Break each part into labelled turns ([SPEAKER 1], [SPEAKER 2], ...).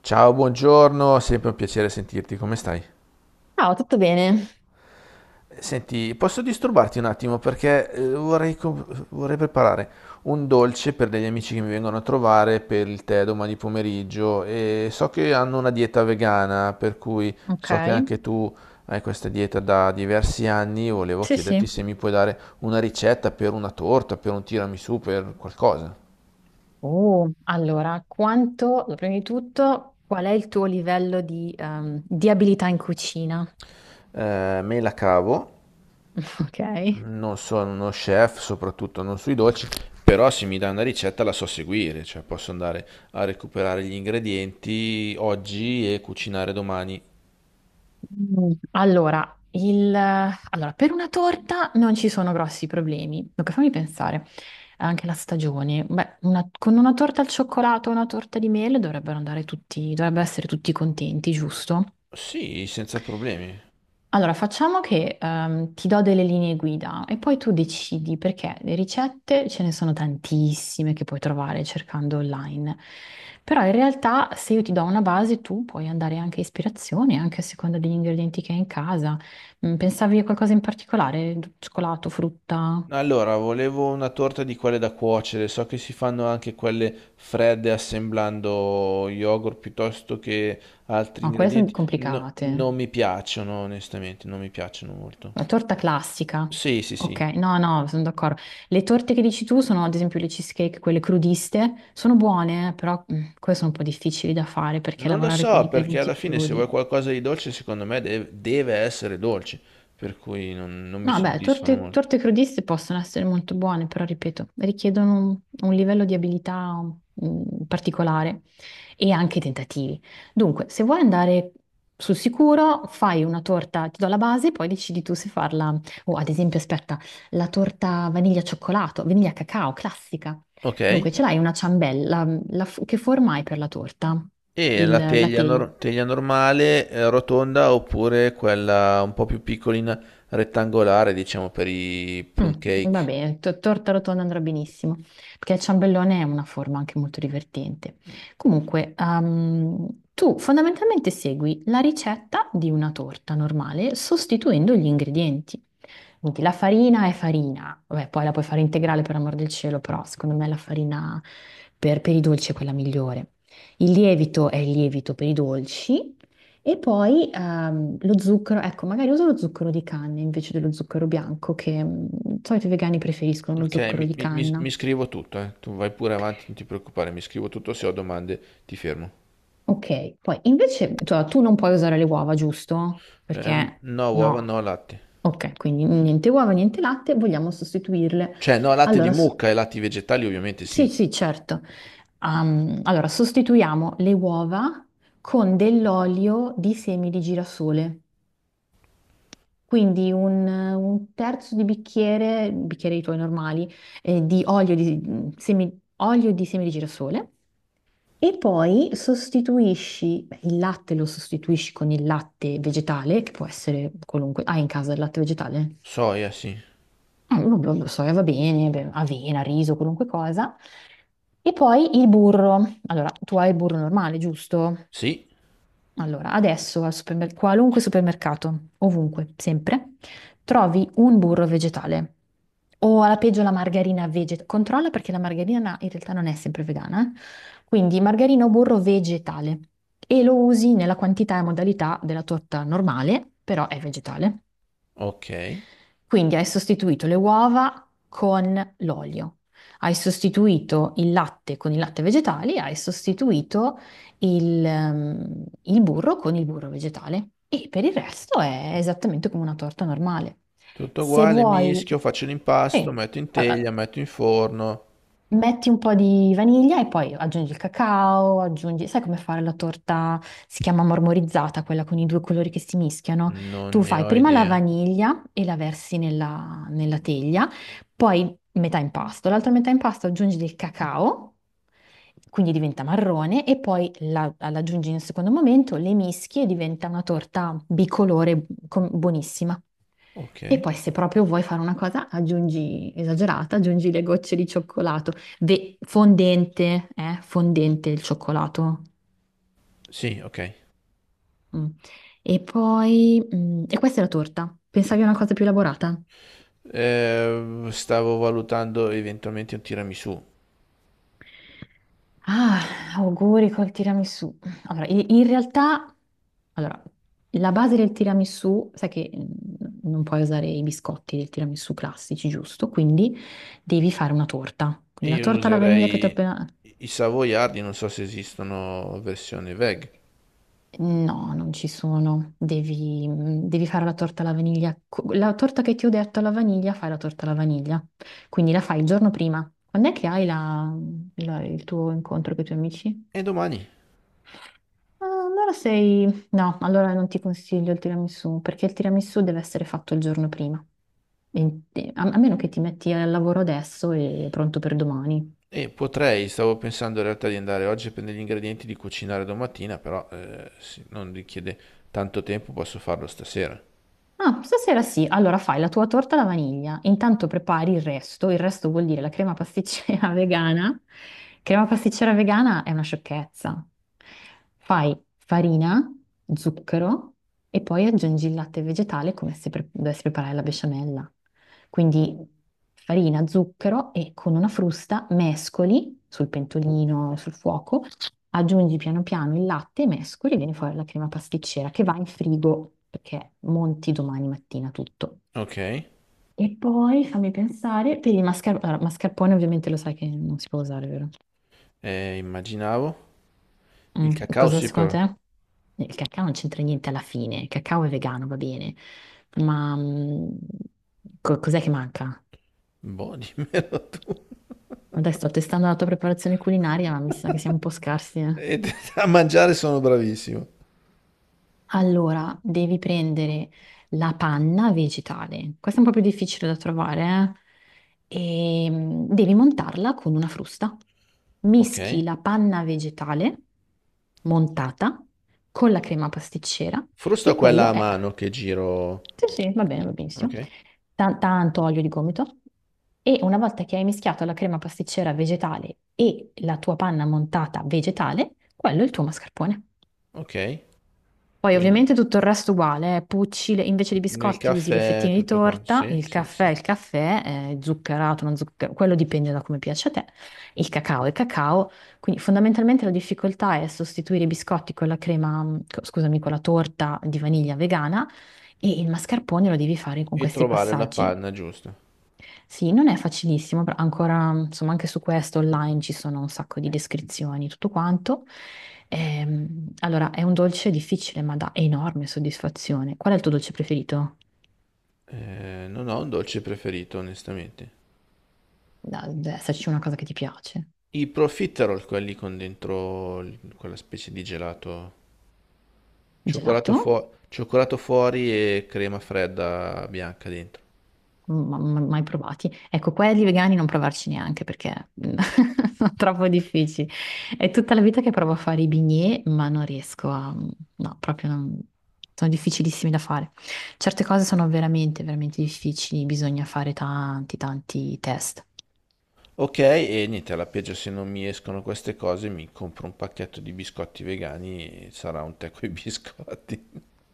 [SPEAKER 1] Ciao, buongiorno, sempre un piacere sentirti, come stai?
[SPEAKER 2] Ciao, tutto bene?
[SPEAKER 1] Senti, posso disturbarti un attimo perché vorrei, vorrei preparare un dolce per degli amici che mi vengono a trovare per il tè domani pomeriggio e so che hanno una dieta vegana, per cui
[SPEAKER 2] Ok,
[SPEAKER 1] so che anche tu hai questa dieta da diversi anni, volevo
[SPEAKER 2] sì,
[SPEAKER 1] chiederti
[SPEAKER 2] sì.
[SPEAKER 1] se mi puoi dare una ricetta per una torta, per un tiramisù, per qualcosa.
[SPEAKER 2] Oh, allora, quanto, allora, prima di tutto, qual è il tuo livello di abilità in cucina?
[SPEAKER 1] Me la cavo.
[SPEAKER 2] Ok.
[SPEAKER 1] Non sono uno chef, soprattutto non sui dolci, però se mi dai una ricetta la so seguire, cioè posso andare a recuperare gli ingredienti oggi e cucinare domani.
[SPEAKER 2] Allora, per una torta non ci sono grossi problemi. Dunque, fammi pensare, anche la stagione. Beh, con una torta al cioccolato o una torta di mele dovrebbero andare tutti, dovrebbero essere tutti contenti, giusto?
[SPEAKER 1] Sì, senza problemi.
[SPEAKER 2] Allora, facciamo che ti do delle linee guida e poi tu decidi perché le ricette ce ne sono tantissime che puoi trovare cercando online. Però in realtà se io ti do una base, tu puoi andare anche a ispirazione, anche a seconda degli ingredienti che hai in casa. Pensavi a qualcosa in particolare? Cioccolato, frutta?
[SPEAKER 1] Allora, volevo una torta di quelle da cuocere, so che si fanno anche quelle fredde assemblando yogurt piuttosto che altri
[SPEAKER 2] No, quelle sono
[SPEAKER 1] ingredienti. No,
[SPEAKER 2] complicate.
[SPEAKER 1] non mi piacciono, onestamente, non mi piacciono molto.
[SPEAKER 2] La torta classica.
[SPEAKER 1] Sì, sì,
[SPEAKER 2] Ok,
[SPEAKER 1] sì.
[SPEAKER 2] no, no, sono d'accordo. Le torte che dici tu sono, ad esempio, le cheesecake, quelle crudiste, sono buone, però queste sono un po' difficili da fare perché
[SPEAKER 1] Non lo
[SPEAKER 2] lavorare con gli
[SPEAKER 1] so, perché
[SPEAKER 2] ingredienti
[SPEAKER 1] alla fine se
[SPEAKER 2] crudi.
[SPEAKER 1] vuoi qualcosa di dolce, secondo me deve essere dolce, per cui non mi
[SPEAKER 2] No, beh,
[SPEAKER 1] soddisfano
[SPEAKER 2] torte,
[SPEAKER 1] molto.
[SPEAKER 2] torte crudiste possono essere molto buone, però ripeto, richiedono un livello di abilità particolare e anche tentativi. Dunque, se vuoi andare sul sicuro, fai una torta, ti do la base, poi decidi tu se farla. O ad esempio, aspetta, la torta vaniglia cioccolato, vaniglia cacao, classica.
[SPEAKER 1] Ok,
[SPEAKER 2] Dunque, ce l'hai una ciambella, che forma hai per la torta?
[SPEAKER 1] e
[SPEAKER 2] Il,
[SPEAKER 1] la
[SPEAKER 2] la
[SPEAKER 1] teglia,
[SPEAKER 2] teglia?
[SPEAKER 1] teglia normale, rotonda, oppure quella un po' più piccolina, rettangolare, diciamo, per i
[SPEAKER 2] Mm,
[SPEAKER 1] plum
[SPEAKER 2] va
[SPEAKER 1] cake?
[SPEAKER 2] bene, torta rotonda andrà benissimo, perché il ciambellone è una forma anche molto divertente. Comunque, tu fondamentalmente segui la ricetta di una torta normale sostituendo gli ingredienti. Quindi la farina è farina, vabbè, poi la puoi fare integrale per amor del cielo, però secondo me la farina per i dolci è quella migliore. Il lievito è il lievito per i dolci e poi lo zucchero, ecco, magari uso lo zucchero di canna invece dello zucchero bianco, che di solito i vegani preferiscono lo
[SPEAKER 1] Ok,
[SPEAKER 2] zucchero di canna.
[SPEAKER 1] mi scrivo tutto, eh. Tu vai pure avanti, non ti preoccupare, mi scrivo tutto, se ho domande ti fermo.
[SPEAKER 2] Ok, poi invece tu non puoi usare le uova, giusto?
[SPEAKER 1] Eh,
[SPEAKER 2] Perché
[SPEAKER 1] no, uova,
[SPEAKER 2] no.
[SPEAKER 1] no, latte.
[SPEAKER 2] Ok, quindi niente uova, niente latte, vogliamo sostituirle.
[SPEAKER 1] Cioè, no, latte di
[SPEAKER 2] Allora, s-
[SPEAKER 1] mucca e latti vegetali ovviamente
[SPEAKER 2] Sì,
[SPEAKER 1] sì.
[SPEAKER 2] sì, certo. Allora, sostituiamo le uova con dell'olio di semi di girasole, quindi un terzo di bicchiere, bicchieri i tuoi normali, di olio di semi di girasole. E poi sostituisci, beh, il latte lo sostituisci con il latte vegetale, che può essere qualunque. Hai in casa il latte vegetale?
[SPEAKER 1] Soia, sì.
[SPEAKER 2] Lo soia va bene, beh, avena, riso, qualunque cosa. E poi il burro. Allora, tu hai il burro normale, giusto?
[SPEAKER 1] Sì,
[SPEAKER 2] Allora, adesso al qualunque supermercato, ovunque, sempre, trovi un burro vegetale. O alla peggio la margarina vegetale. Controlla perché la margarina in realtà non è sempre vegana, eh. Quindi margarina o burro vegetale. E lo usi nella quantità e modalità della torta normale, però è vegetale.
[SPEAKER 1] ok.
[SPEAKER 2] Quindi hai sostituito le uova con l'olio, hai sostituito il latte con il latte vegetale, hai sostituito il il burro con il burro vegetale e per il resto è esattamente come una torta normale.
[SPEAKER 1] Tutto
[SPEAKER 2] Se
[SPEAKER 1] uguale,
[SPEAKER 2] vuoi,
[SPEAKER 1] mischio, faccio
[SPEAKER 2] sì,
[SPEAKER 1] l'impasto, metto in
[SPEAKER 2] eh,
[SPEAKER 1] teglia, metto in forno.
[SPEAKER 2] metti un po' di vaniglia e poi aggiungi il cacao, aggiungi... Sai come fare la torta? Si chiama marmorizzata, quella con i due colori che si mischiano.
[SPEAKER 1] Non
[SPEAKER 2] Tu
[SPEAKER 1] ne
[SPEAKER 2] fai
[SPEAKER 1] ho
[SPEAKER 2] prima la
[SPEAKER 1] idea.
[SPEAKER 2] vaniglia e la versi nella teglia, poi metà impasto, l'altra metà impasto aggiungi del cacao, quindi diventa marrone, e poi la aggiungi in un secondo momento, le mischi e diventa una torta bicolore buonissima.
[SPEAKER 1] Ok.
[SPEAKER 2] E poi se proprio vuoi fare una cosa, aggiungi, esagerata, aggiungi le gocce di cioccolato. Fondente, fondente il cioccolato.
[SPEAKER 1] Sì, ok.
[SPEAKER 2] Mm. E poi, e questa è la torta. Pensavi a una cosa più elaborata?
[SPEAKER 1] Stavo valutando eventualmente un tiramisù.
[SPEAKER 2] Ah, auguri col tiramisù. Allora, in realtà, allora, la base del tiramisù, sai che non puoi usare i biscotti del tiramisù classici, giusto? Quindi devi fare una torta.
[SPEAKER 1] E
[SPEAKER 2] Quindi la
[SPEAKER 1] io
[SPEAKER 2] torta alla vaniglia che ti ho
[SPEAKER 1] userei
[SPEAKER 2] appena...
[SPEAKER 1] i savoiardi, non so se esistono versione veg.
[SPEAKER 2] No, non ci sono. Devi, devi fare la torta alla vaniglia. La torta che ti ho detto alla vaniglia, fai la torta alla vaniglia. Quindi la fai il giorno prima. Quando è che hai il tuo incontro con i tuoi amici?
[SPEAKER 1] E domani?
[SPEAKER 2] Ah, allora sei... No, allora non ti consiglio il tiramisù, perché il tiramisù deve essere fatto il giorno prima. A meno che ti metti al lavoro adesso e è pronto per domani.
[SPEAKER 1] E potrei, stavo pensando in realtà di andare oggi a prendere gli ingredienti di cucinare domattina, però se non richiede tanto tempo, posso farlo stasera.
[SPEAKER 2] Ah, stasera sì. Allora fai la tua torta alla vaniglia, intanto prepari il resto vuol dire la crema pasticcera vegana. Crema pasticcera vegana è una sciocchezza. Fai farina, zucchero e poi aggiungi il latte vegetale come se dovessi preparare la besciamella. Quindi farina, zucchero e con una frusta mescoli sul pentolino, sul fuoco aggiungi piano piano il latte, mescoli e viene fuori la crema pasticcera che va in frigo perché monti domani mattina tutto.
[SPEAKER 1] Ok,
[SPEAKER 2] E poi fammi pensare, per il mascarpone, allora, mascarpone ovviamente lo sai che non si può usare, vero?
[SPEAKER 1] immaginavo. Il cacao
[SPEAKER 2] Cosa
[SPEAKER 1] sì
[SPEAKER 2] secondo
[SPEAKER 1] però.
[SPEAKER 2] te? Il cacao non c'entra niente alla fine, il cacao è vegano, va bene, ma cos'è che manca?
[SPEAKER 1] Boh, dimmelo tu.
[SPEAKER 2] Adesso sto testando la tua preparazione culinaria, ma mi sa che siamo un po' scarsi, eh.
[SPEAKER 1] E a mangiare sono bravissimo.
[SPEAKER 2] Allora, devi prendere la panna vegetale. Questa è un po' più difficile da trovare, eh? E devi montarla con una frusta. Mischi
[SPEAKER 1] Ok.
[SPEAKER 2] la panna vegetale montata con la crema pasticcera
[SPEAKER 1] Frusto
[SPEAKER 2] e
[SPEAKER 1] quella a
[SPEAKER 2] quello è...
[SPEAKER 1] mano che
[SPEAKER 2] Sì,
[SPEAKER 1] giro.
[SPEAKER 2] sì, va bene, va benissimo.
[SPEAKER 1] Ok.
[SPEAKER 2] Tanto olio di gomito. E una volta che hai mischiato la crema pasticcera vegetale e la tua panna montata vegetale, quello è il tuo mascarpone.
[SPEAKER 1] Ok.
[SPEAKER 2] Poi
[SPEAKER 1] Quindi
[SPEAKER 2] ovviamente tutto il resto uguale, Pucci, invece di
[SPEAKER 1] nel
[SPEAKER 2] biscotti usi le
[SPEAKER 1] caffè
[SPEAKER 2] fettine di
[SPEAKER 1] tutto quanto.
[SPEAKER 2] torta,
[SPEAKER 1] Sì, sì, sì.
[SPEAKER 2] il caffè, zuccherato, non zuccherato, quello dipende da come piace a te, il cacao, quindi fondamentalmente la difficoltà è sostituire i biscotti con la crema, scusami, con la torta di vaniglia vegana e il mascarpone lo devi fare con
[SPEAKER 1] E
[SPEAKER 2] questi
[SPEAKER 1] trovare la
[SPEAKER 2] passaggi.
[SPEAKER 1] panna giusta.
[SPEAKER 2] Sì, non è facilissimo, però ancora, insomma, anche su questo online ci sono un sacco di descrizioni, tutto quanto. Allora, è un dolce difficile, ma dà enorme soddisfazione. Qual è il tuo dolce preferito?
[SPEAKER 1] Non ho un dolce preferito, onestamente.
[SPEAKER 2] Deve esserci una cosa che ti piace.
[SPEAKER 1] I profiterol, quelli con dentro quella specie di gelato. Cioccolato,
[SPEAKER 2] Gelato?
[SPEAKER 1] cioccolato fuori e crema fredda bianca dentro.
[SPEAKER 2] Mai provati. Ecco, quelli vegani non provarci neanche perché sono troppo difficili. È tutta la vita che provo a fare i bignè, ma non riesco a... No, proprio non... Sono difficilissimi da fare. Certe cose sono veramente, veramente difficili, bisogna fare tanti, tanti test.
[SPEAKER 1] Ok, e niente, alla peggio se non mi escono queste cose mi compro un pacchetto di biscotti vegani e sarà un tè coi biscotti.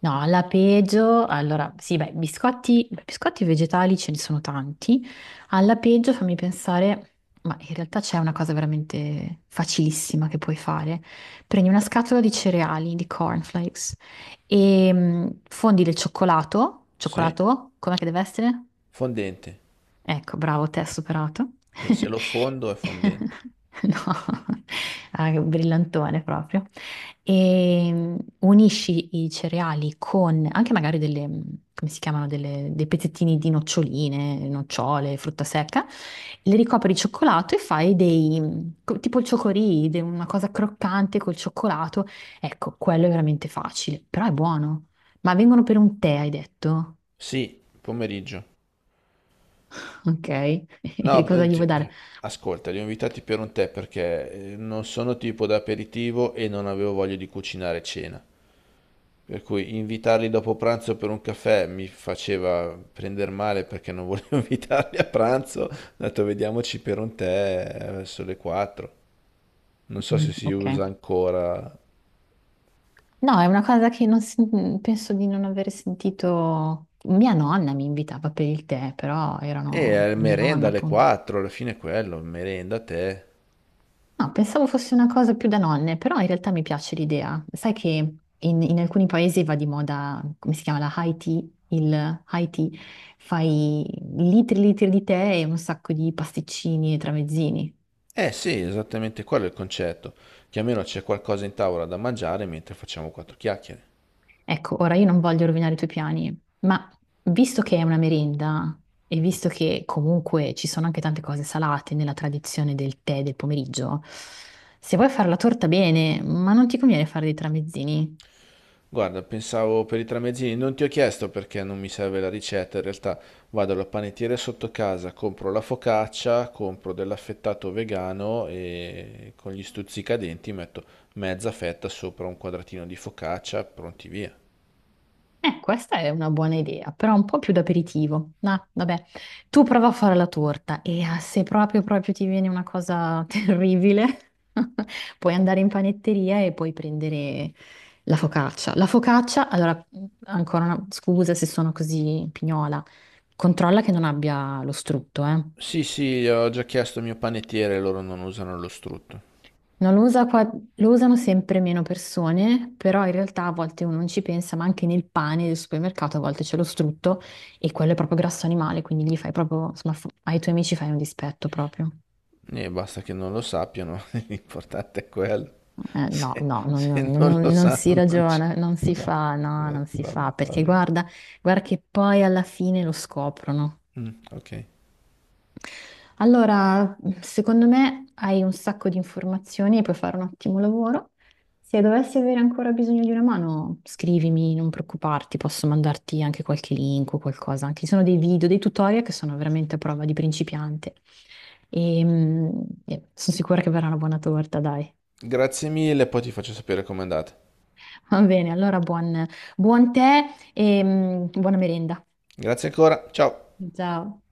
[SPEAKER 2] No, la peggio, allora, sì, beh, biscotti vegetali ce ne sono tanti. Alla peggio fammi pensare, ma in realtà c'è una cosa veramente facilissima che puoi fare. Prendi una scatola di cereali, di cornflakes, e fondi del cioccolato,
[SPEAKER 1] Sì,
[SPEAKER 2] cioccolato, com'è che deve essere?
[SPEAKER 1] fondente.
[SPEAKER 2] Ecco, bravo, te hai superato.
[SPEAKER 1] E se lo fondo è fondente.
[SPEAKER 2] No, ah, che brillantone proprio. E unisci i cereali con anche magari come si chiamano, dei pezzettini di noccioline, nocciole, frutta secca, le ricopri di cioccolato e fai dei, tipo il ciocorì, una cosa croccante col cioccolato. Ecco, quello è veramente facile, però è buono. Ma vengono per un tè, hai detto?
[SPEAKER 1] Sì, pomeriggio.
[SPEAKER 2] Ok, e
[SPEAKER 1] No, sì.
[SPEAKER 2] cosa gli vuoi dare?
[SPEAKER 1] Ascolta, li ho invitati per un tè perché non sono tipo da aperitivo e non avevo voglia di cucinare cena. Per cui invitarli dopo pranzo per un caffè mi faceva prendere male perché non volevo invitarli a pranzo. Ho detto vediamoci per un tè, verso le 4. Non so se
[SPEAKER 2] Mm,
[SPEAKER 1] si
[SPEAKER 2] ok.
[SPEAKER 1] usa ancora.
[SPEAKER 2] No, è una cosa che non si- penso di non aver sentito. Mia nonna mi invitava per il tè, però erano mia
[SPEAKER 1] Merenda
[SPEAKER 2] nonna,
[SPEAKER 1] alle
[SPEAKER 2] appunto.
[SPEAKER 1] 4, alla fine è quello, merenda, tè.
[SPEAKER 2] No, pensavo fosse una cosa più da nonne, però in realtà mi piace l'idea. Sai che in alcuni paesi va di moda, come si chiama, la high tea, il high tea, fai litri e litri di tè e un sacco di pasticcini e tramezzini.
[SPEAKER 1] Eh sì, esattamente quello è il concetto, che almeno c'è qualcosa in tavola da mangiare mentre facciamo quattro chiacchiere.
[SPEAKER 2] Ecco, ora io non voglio rovinare i tuoi piani, ma visto che è una merenda e visto che comunque ci sono anche tante cose salate nella tradizione del tè del pomeriggio, se vuoi fare la torta bene, ma non ti conviene fare dei tramezzini?
[SPEAKER 1] Guarda, pensavo per i tramezzini, non ti ho chiesto perché non mi serve la ricetta, in realtà vado alla panettiere sotto casa, compro la focaccia, compro dell'affettato vegano e con gli stuzzicadenti metto mezza fetta sopra un quadratino di focaccia, pronti via.
[SPEAKER 2] Questa è una buona idea, però un po' più d'aperitivo. No, vabbè, tu prova a fare la torta e ah, se proprio proprio ti viene una cosa terribile, puoi andare in panetteria e puoi prendere la focaccia. La focaccia, allora, ancora una scusa se sono così pignola, controlla che non abbia lo strutto, eh.
[SPEAKER 1] Sì, sì, ho già chiesto al mio panettiere, loro non usano lo strutto.
[SPEAKER 2] No, lo usano sempre meno persone, però in realtà a volte uno non ci pensa, ma anche nel pane del supermercato a volte c'è lo strutto e quello è proprio grasso animale, quindi gli fai proprio, insomma, ai tuoi amici fai un dispetto proprio.
[SPEAKER 1] E basta che non lo sappiano, l'importante è quello.
[SPEAKER 2] No,
[SPEAKER 1] Se,
[SPEAKER 2] no, no, no,
[SPEAKER 1] se
[SPEAKER 2] no,
[SPEAKER 1] non lo
[SPEAKER 2] no, non si
[SPEAKER 1] sanno non ci...
[SPEAKER 2] ragiona, non si
[SPEAKER 1] No,
[SPEAKER 2] fa, no, non si
[SPEAKER 1] va
[SPEAKER 2] fa,
[SPEAKER 1] bene, va
[SPEAKER 2] perché
[SPEAKER 1] bene.
[SPEAKER 2] guarda, guarda che poi alla fine lo scoprono.
[SPEAKER 1] Mm, ok.
[SPEAKER 2] Allora, secondo me hai un sacco di informazioni e puoi fare un ottimo lavoro. Se dovessi avere ancora bisogno di una mano, scrivimi, non preoccuparti, posso mandarti anche qualche link o qualcosa. Anche ci sono dei video, dei tutorial che sono veramente a prova di principiante. E, e sono sicura che verrà una buona torta, dai.
[SPEAKER 1] Grazie mille, poi ti faccio sapere com'è andata.
[SPEAKER 2] Va bene, allora buon tè e buona merenda.
[SPEAKER 1] Grazie ancora, ciao.
[SPEAKER 2] Ciao.